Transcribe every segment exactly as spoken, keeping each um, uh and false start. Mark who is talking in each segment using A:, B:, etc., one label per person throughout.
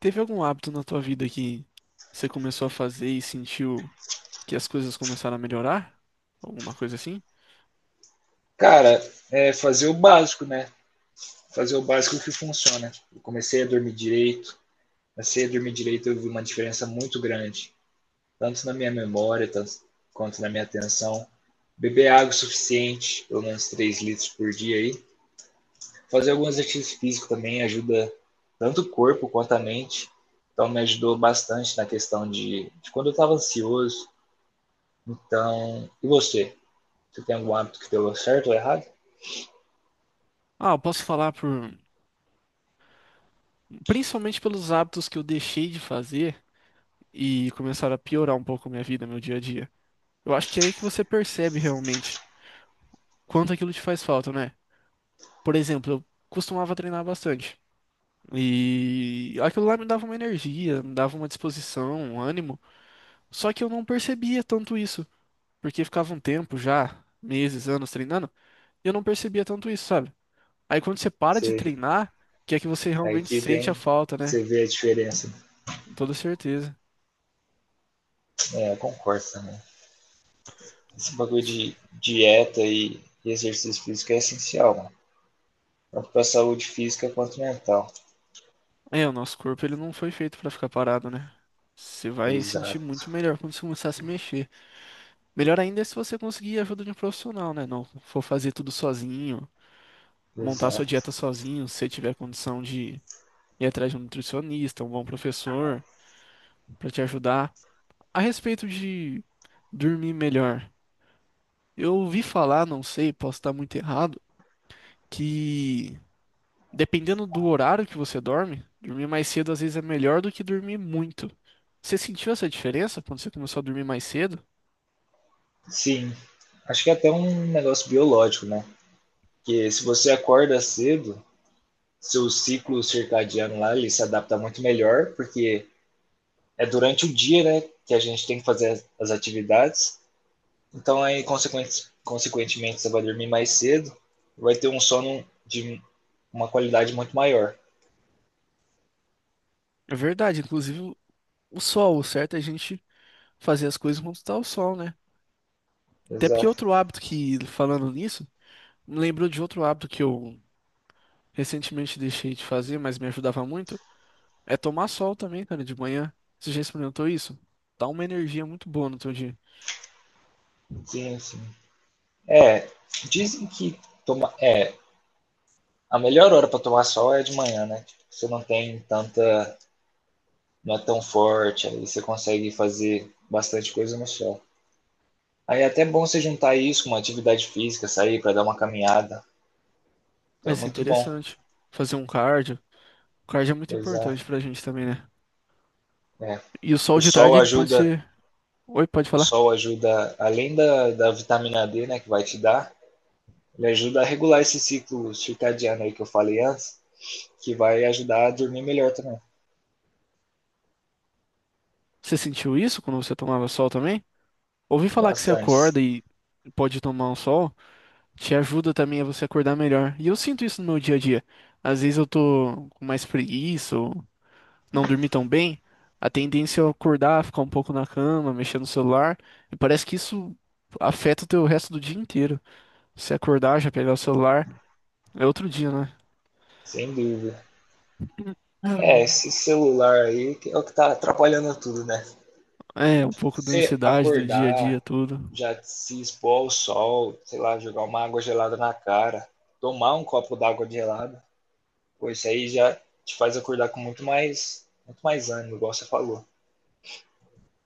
A: Teve algum hábito na tua vida que você começou a fazer e sentiu que as coisas começaram a melhorar? Alguma coisa assim?
B: Cara, é fazer o básico, né? Fazer o básico que funciona. Eu comecei a dormir direito. Comecei a dormir direito, eu vi uma diferença muito grande, tanto na minha memória tanto, quanto na minha atenção. Beber água o suficiente, pelo menos três litros por dia aí. Fazer alguns exercícios físicos também ajuda tanto o corpo quanto a mente. Então me ajudou bastante na questão de, de quando eu estava ansioso. Então, e você? Você tem algum hábito que deu certo ou errado?
A: Ah, eu posso falar por, principalmente pelos hábitos que eu deixei de fazer e começaram a piorar um pouco minha vida, meu dia a dia. Eu acho que é aí que você percebe realmente quanto aquilo te faz falta, né? Por exemplo, eu costumava treinar bastante. E aquilo lá me dava uma energia, me dava uma disposição, um ânimo, só que eu não percebia tanto isso. Porque ficava um tempo já, meses, anos treinando, e eu não percebia tanto isso, sabe? Aí quando você para de
B: Você
A: treinar, que é que você
B: Aí
A: realmente
B: que
A: sente a
B: vem,
A: falta, né?
B: você vê a diferença.
A: Com toda certeza.
B: É, eu concordo também. Esse bagulho de dieta e exercício físico é essencial, mano. Tanto para saúde física quanto mental.
A: É, o nosso corpo ele não foi feito pra ficar parado, né? Você vai sentir
B: Exato,
A: muito melhor quando você começar a se mexer. Melhor ainda é se você conseguir a ajuda de um profissional, né? Não for fazer tudo sozinho, montar sua
B: exato.
A: dieta sozinho, se você tiver condição de ir atrás de um nutricionista, um bom professor pra te ajudar. A respeito de dormir melhor. Eu ouvi falar, não sei, posso estar muito errado, que dependendo do horário que você dorme, dormir mais cedo às vezes é melhor do que dormir muito. Você sentiu essa diferença quando você começou a dormir mais cedo?
B: Sim, acho que é até um negócio biológico, né? Que se você acorda cedo, seu ciclo circadiano lá ele se adapta muito melhor, porque é durante o dia, né, que a gente tem que fazer as atividades. Então, aí, consequentemente consequentemente, você vai dormir mais cedo e vai ter um sono de uma qualidade muito maior.
A: É verdade, inclusive o o sol, o certo é a gente fazer as coisas quando está o sol, né? Até porque
B: Exato.
A: outro hábito que, falando nisso, me lembrou de outro hábito que eu recentemente deixei de fazer, mas me ajudava muito. É tomar sol também, cara, de manhã. Você já experimentou isso? Dá uma energia muito boa no teu dia.
B: Sim, sim. É, dizem que toma, é, a melhor hora para tomar sol é de manhã, né? Tipo, você não tem tanta. Não é tão forte, aí você consegue fazer bastante coisa no sol. Aí é até bom você juntar isso com uma atividade física, sair para dar uma caminhada.
A: Vai
B: Então é
A: ser
B: muito bom.
A: interessante. Fazer um cardio. O cardio é muito
B: Exato.
A: importante pra gente também, né?
B: É.
A: E o sol
B: O
A: de
B: sol
A: tarde, ele pode
B: ajuda
A: ser. Oi, pode
B: o
A: falar.
B: sol ajuda, além da, da vitamina D, né, que vai te dar, ele ajuda a regular esse ciclo circadiano aí que eu falei antes, que vai ajudar a dormir melhor também,
A: Você sentiu isso quando você tomava sol também? Ouvi falar que você
B: bastante,
A: acorda e pode tomar um sol, te ajuda também a você acordar melhor. E eu sinto isso no meu dia a dia. Às vezes eu tô com mais preguiça ou não dormi tão bem. A tendência é acordar, ficar um pouco na cama, mexer no celular. E parece que isso afeta o teu resto do dia inteiro. Você acordar, já pegar o celular, é outro dia, né?
B: sem dúvida. É, esse celular aí que é o que tá atrapalhando tudo, né?
A: É, um pouco da
B: Você
A: ansiedade do dia a dia,
B: acordar,
A: tudo.
B: já se expor ao sol, sei lá, jogar uma água gelada na cara, tomar um copo d'água gelada, pô, isso aí já te faz acordar com muito mais, muito mais ânimo, igual você falou.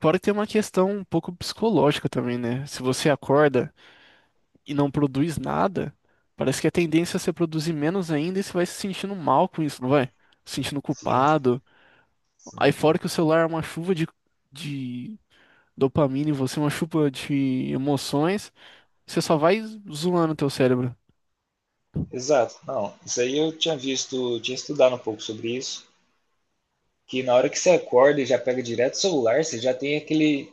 A: Fora que tem uma questão um pouco psicológica também, né? Se você acorda e não produz nada, parece que a tendência é você produzir menos ainda e você vai se sentindo mal com isso, não vai? Se sentindo
B: Sim,
A: culpado. Aí
B: sim.
A: fora que o celular é uma chuva de, de dopamina em você, uma chuva de emoções. Você só vai zoando o teu cérebro.
B: Exato. Não, isso aí eu tinha visto, tinha estudado um pouco sobre isso, que na hora que você acorda e já pega direto o celular, você já tem aquele,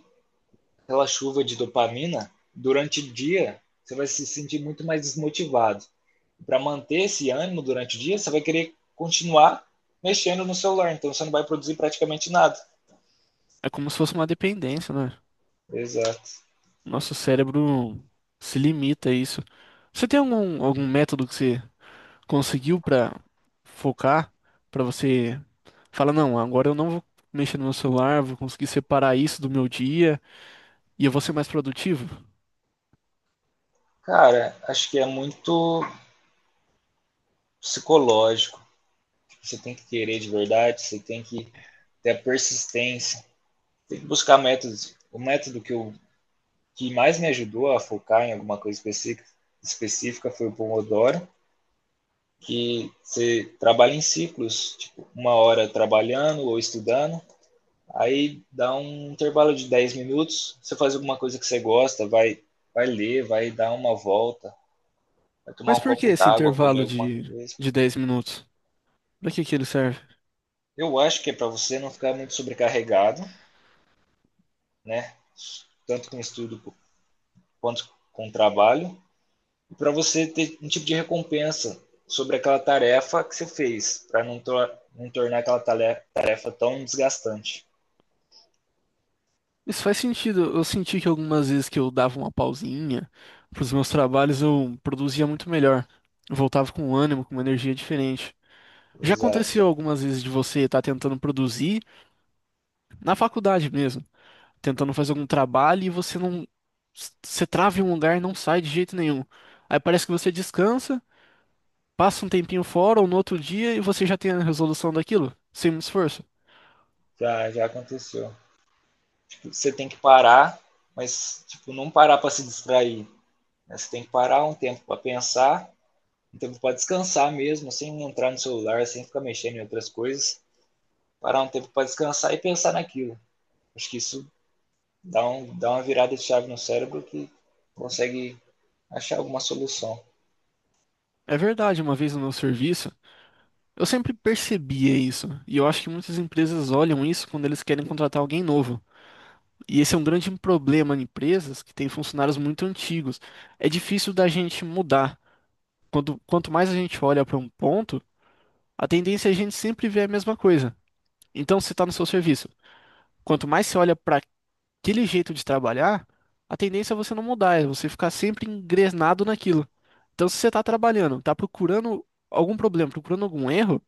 B: aquela chuva de dopamina. Durante o dia, você vai se sentir muito mais desmotivado. Para manter esse ânimo durante o dia, você vai querer continuar mexendo no celular, então você não vai produzir praticamente nada.
A: É como se fosse uma dependência, né?
B: Exato.
A: Nosso cérebro se limita a isso. Você tem algum, algum método que você conseguiu pra focar, pra você fala, não, agora eu não vou mexer no meu celular, vou conseguir separar isso do meu dia e eu vou ser mais produtivo.
B: Cara, acho que é muito psicológico. Você tem que querer de verdade, você tem que ter a persistência. Tem que buscar métodos. O método que, eu, que mais me ajudou a focar em alguma coisa específica, específica foi o Pomodoro, que você trabalha em ciclos, tipo, uma hora trabalhando ou estudando, aí dá um intervalo de dez minutos, você faz alguma coisa que você gosta, vai, vai ler, vai dar uma volta, vai tomar
A: Mas
B: um
A: por que
B: copo
A: esse
B: d'água, comer
A: intervalo
B: alguma
A: de,
B: coisa.
A: de dez minutos? Pra que que ele serve?
B: Eu acho que é para você não ficar muito sobrecarregado, né? Tanto com estudo quanto com trabalho, e para você ter um tipo de recompensa sobre aquela tarefa que você fez, para não, to não tornar aquela tarefa tão desgastante.
A: Isso faz sentido. Eu senti que algumas vezes que eu dava uma pausinha pros meus trabalhos, eu produzia muito melhor. Eu voltava com ânimo, com uma energia diferente. Já aconteceu
B: Exato.
A: algumas vezes de você estar tentando produzir na faculdade mesmo, tentando fazer algum trabalho e você não, você trava em um lugar e não sai de jeito nenhum. Aí parece que você descansa. Passa um tempinho fora ou no outro dia e você já tem a resolução daquilo, sem muito esforço.
B: Já, já aconteceu. Tipo, você tem que parar, mas tipo, não parar para se distrair. Né? Você tem que parar um tempo para pensar, um tempo para descansar mesmo, sem entrar no celular, sem ficar mexendo em outras coisas. Parar um tempo para descansar e pensar naquilo. Acho que isso dá, um, dá uma virada de chave no cérebro que consegue achar alguma solução.
A: É verdade, uma vez no meu serviço, eu sempre percebia isso, e eu acho que muitas empresas olham isso quando eles querem contratar alguém novo. E esse é um grande problema em empresas que têm funcionários muito antigos. É difícil da gente mudar. Quando, quanto mais a gente olha para um ponto, a tendência é a gente sempre ver a mesma coisa. Então, se está no seu serviço, quanto mais você olha para aquele jeito de trabalhar, a tendência é você não mudar, é você ficar sempre engrenado naquilo. Então, se você está trabalhando, está procurando algum problema, procurando algum erro,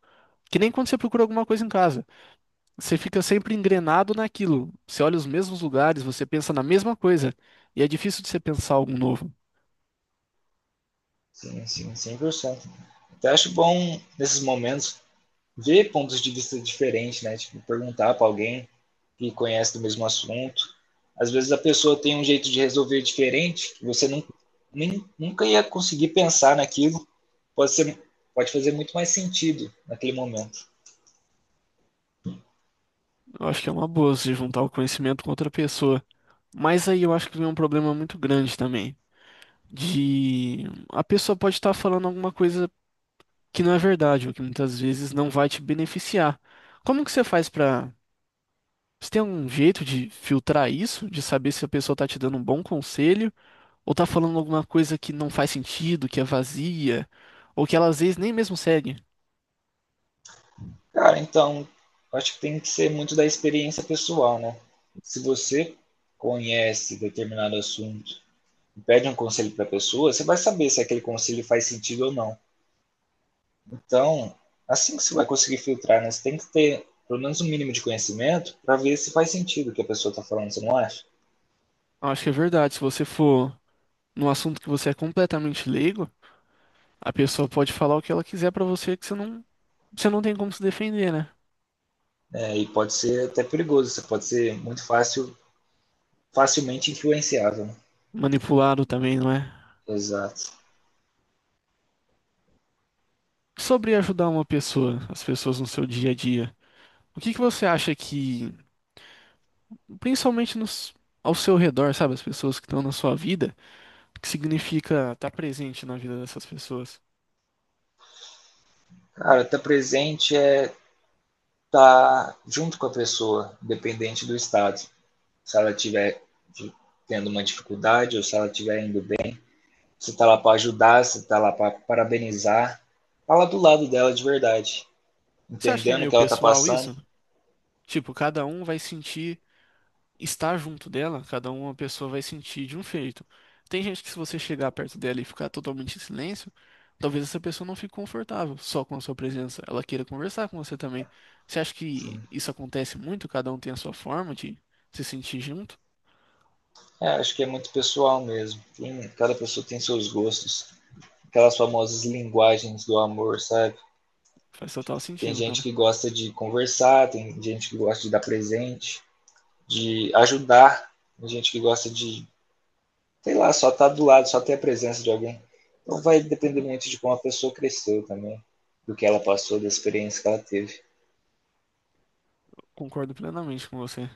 A: que nem quando você procura alguma coisa em casa, você fica sempre engrenado naquilo. Você olha os mesmos lugares, você pensa na mesma coisa, e é difícil de você pensar algo novo.
B: Sim, sim, cem por cento. Então, eu acho bom, nesses momentos, ver pontos de vista diferentes, né? Tipo, perguntar para alguém que conhece do mesmo assunto. Às vezes a pessoa tem um jeito de resolver diferente, que você não, nem, nunca ia conseguir pensar naquilo. Pode ser, pode fazer muito mais sentido naquele momento.
A: Eu acho que é uma boa você juntar o conhecimento com outra pessoa. Mas aí eu acho que vem um problema muito grande também. De a pessoa pode estar falando alguma coisa que não é verdade, ou que muitas vezes não vai te beneficiar. Como que você faz para. Você tem um jeito de filtrar isso, de saber se a pessoa tá te dando um bom conselho, ou tá falando alguma coisa que não faz sentido, que é vazia, ou que ela às vezes nem mesmo segue?
B: Cara, então, eu acho que tem que ser muito da experiência pessoal, né? Se você conhece determinado assunto e pede um conselho para a pessoa, você vai saber se aquele conselho faz sentido ou não. Então, assim que você vai conseguir filtrar, né? Você tem que ter pelo menos um mínimo de conhecimento para ver se faz sentido o que a pessoa está falando, você não acha?
A: Eu acho que é verdade. Se você for num assunto que você é completamente leigo, a pessoa pode falar o que ela quiser pra você que você não, você não tem como se defender, né?
B: É, e pode ser até perigoso, você pode ser muito fácil, facilmente influenciável. Né?
A: Manipulado também, não é?
B: Exato.
A: Sobre ajudar uma pessoa, as pessoas no seu dia a dia, o que que você acha que, principalmente nos, ao seu redor, sabe, as pessoas que estão na sua vida, o que significa estar presente na vida dessas pessoas?
B: Cara, estar tá presente é estar tá junto com a pessoa, dependente do estado. Se ela tiver tendo uma dificuldade ou se ela estiver indo. Você está lá para ajudar, você está lá para parabenizar. Fala do lado dela de verdade,
A: Você acha que é
B: entendendo o
A: meio
B: que ela está
A: pessoal
B: passando.
A: isso? Tipo, cada um vai sentir estar junto dela, cada uma pessoa vai sentir de um jeito. Tem gente que se você chegar perto dela e ficar totalmente em silêncio, talvez essa pessoa não fique confortável só com a sua presença. Ela queira conversar com você também. Você acha que isso acontece muito? Cada um tem a sua forma de se sentir junto?
B: É, acho que é muito pessoal mesmo. Tem, cada pessoa tem seus gostos. Aquelas famosas linguagens do amor, sabe?
A: Faz total
B: Tem
A: sentido,
B: gente
A: cara.
B: que gosta de conversar, tem gente que gosta de dar presente, de ajudar, tem gente que gosta de, sei lá, só estar tá do lado, só ter a presença de alguém. Então vai depender muito de como a pessoa cresceu também, do que ela passou, da experiência que ela teve.
A: Concordo plenamente com você.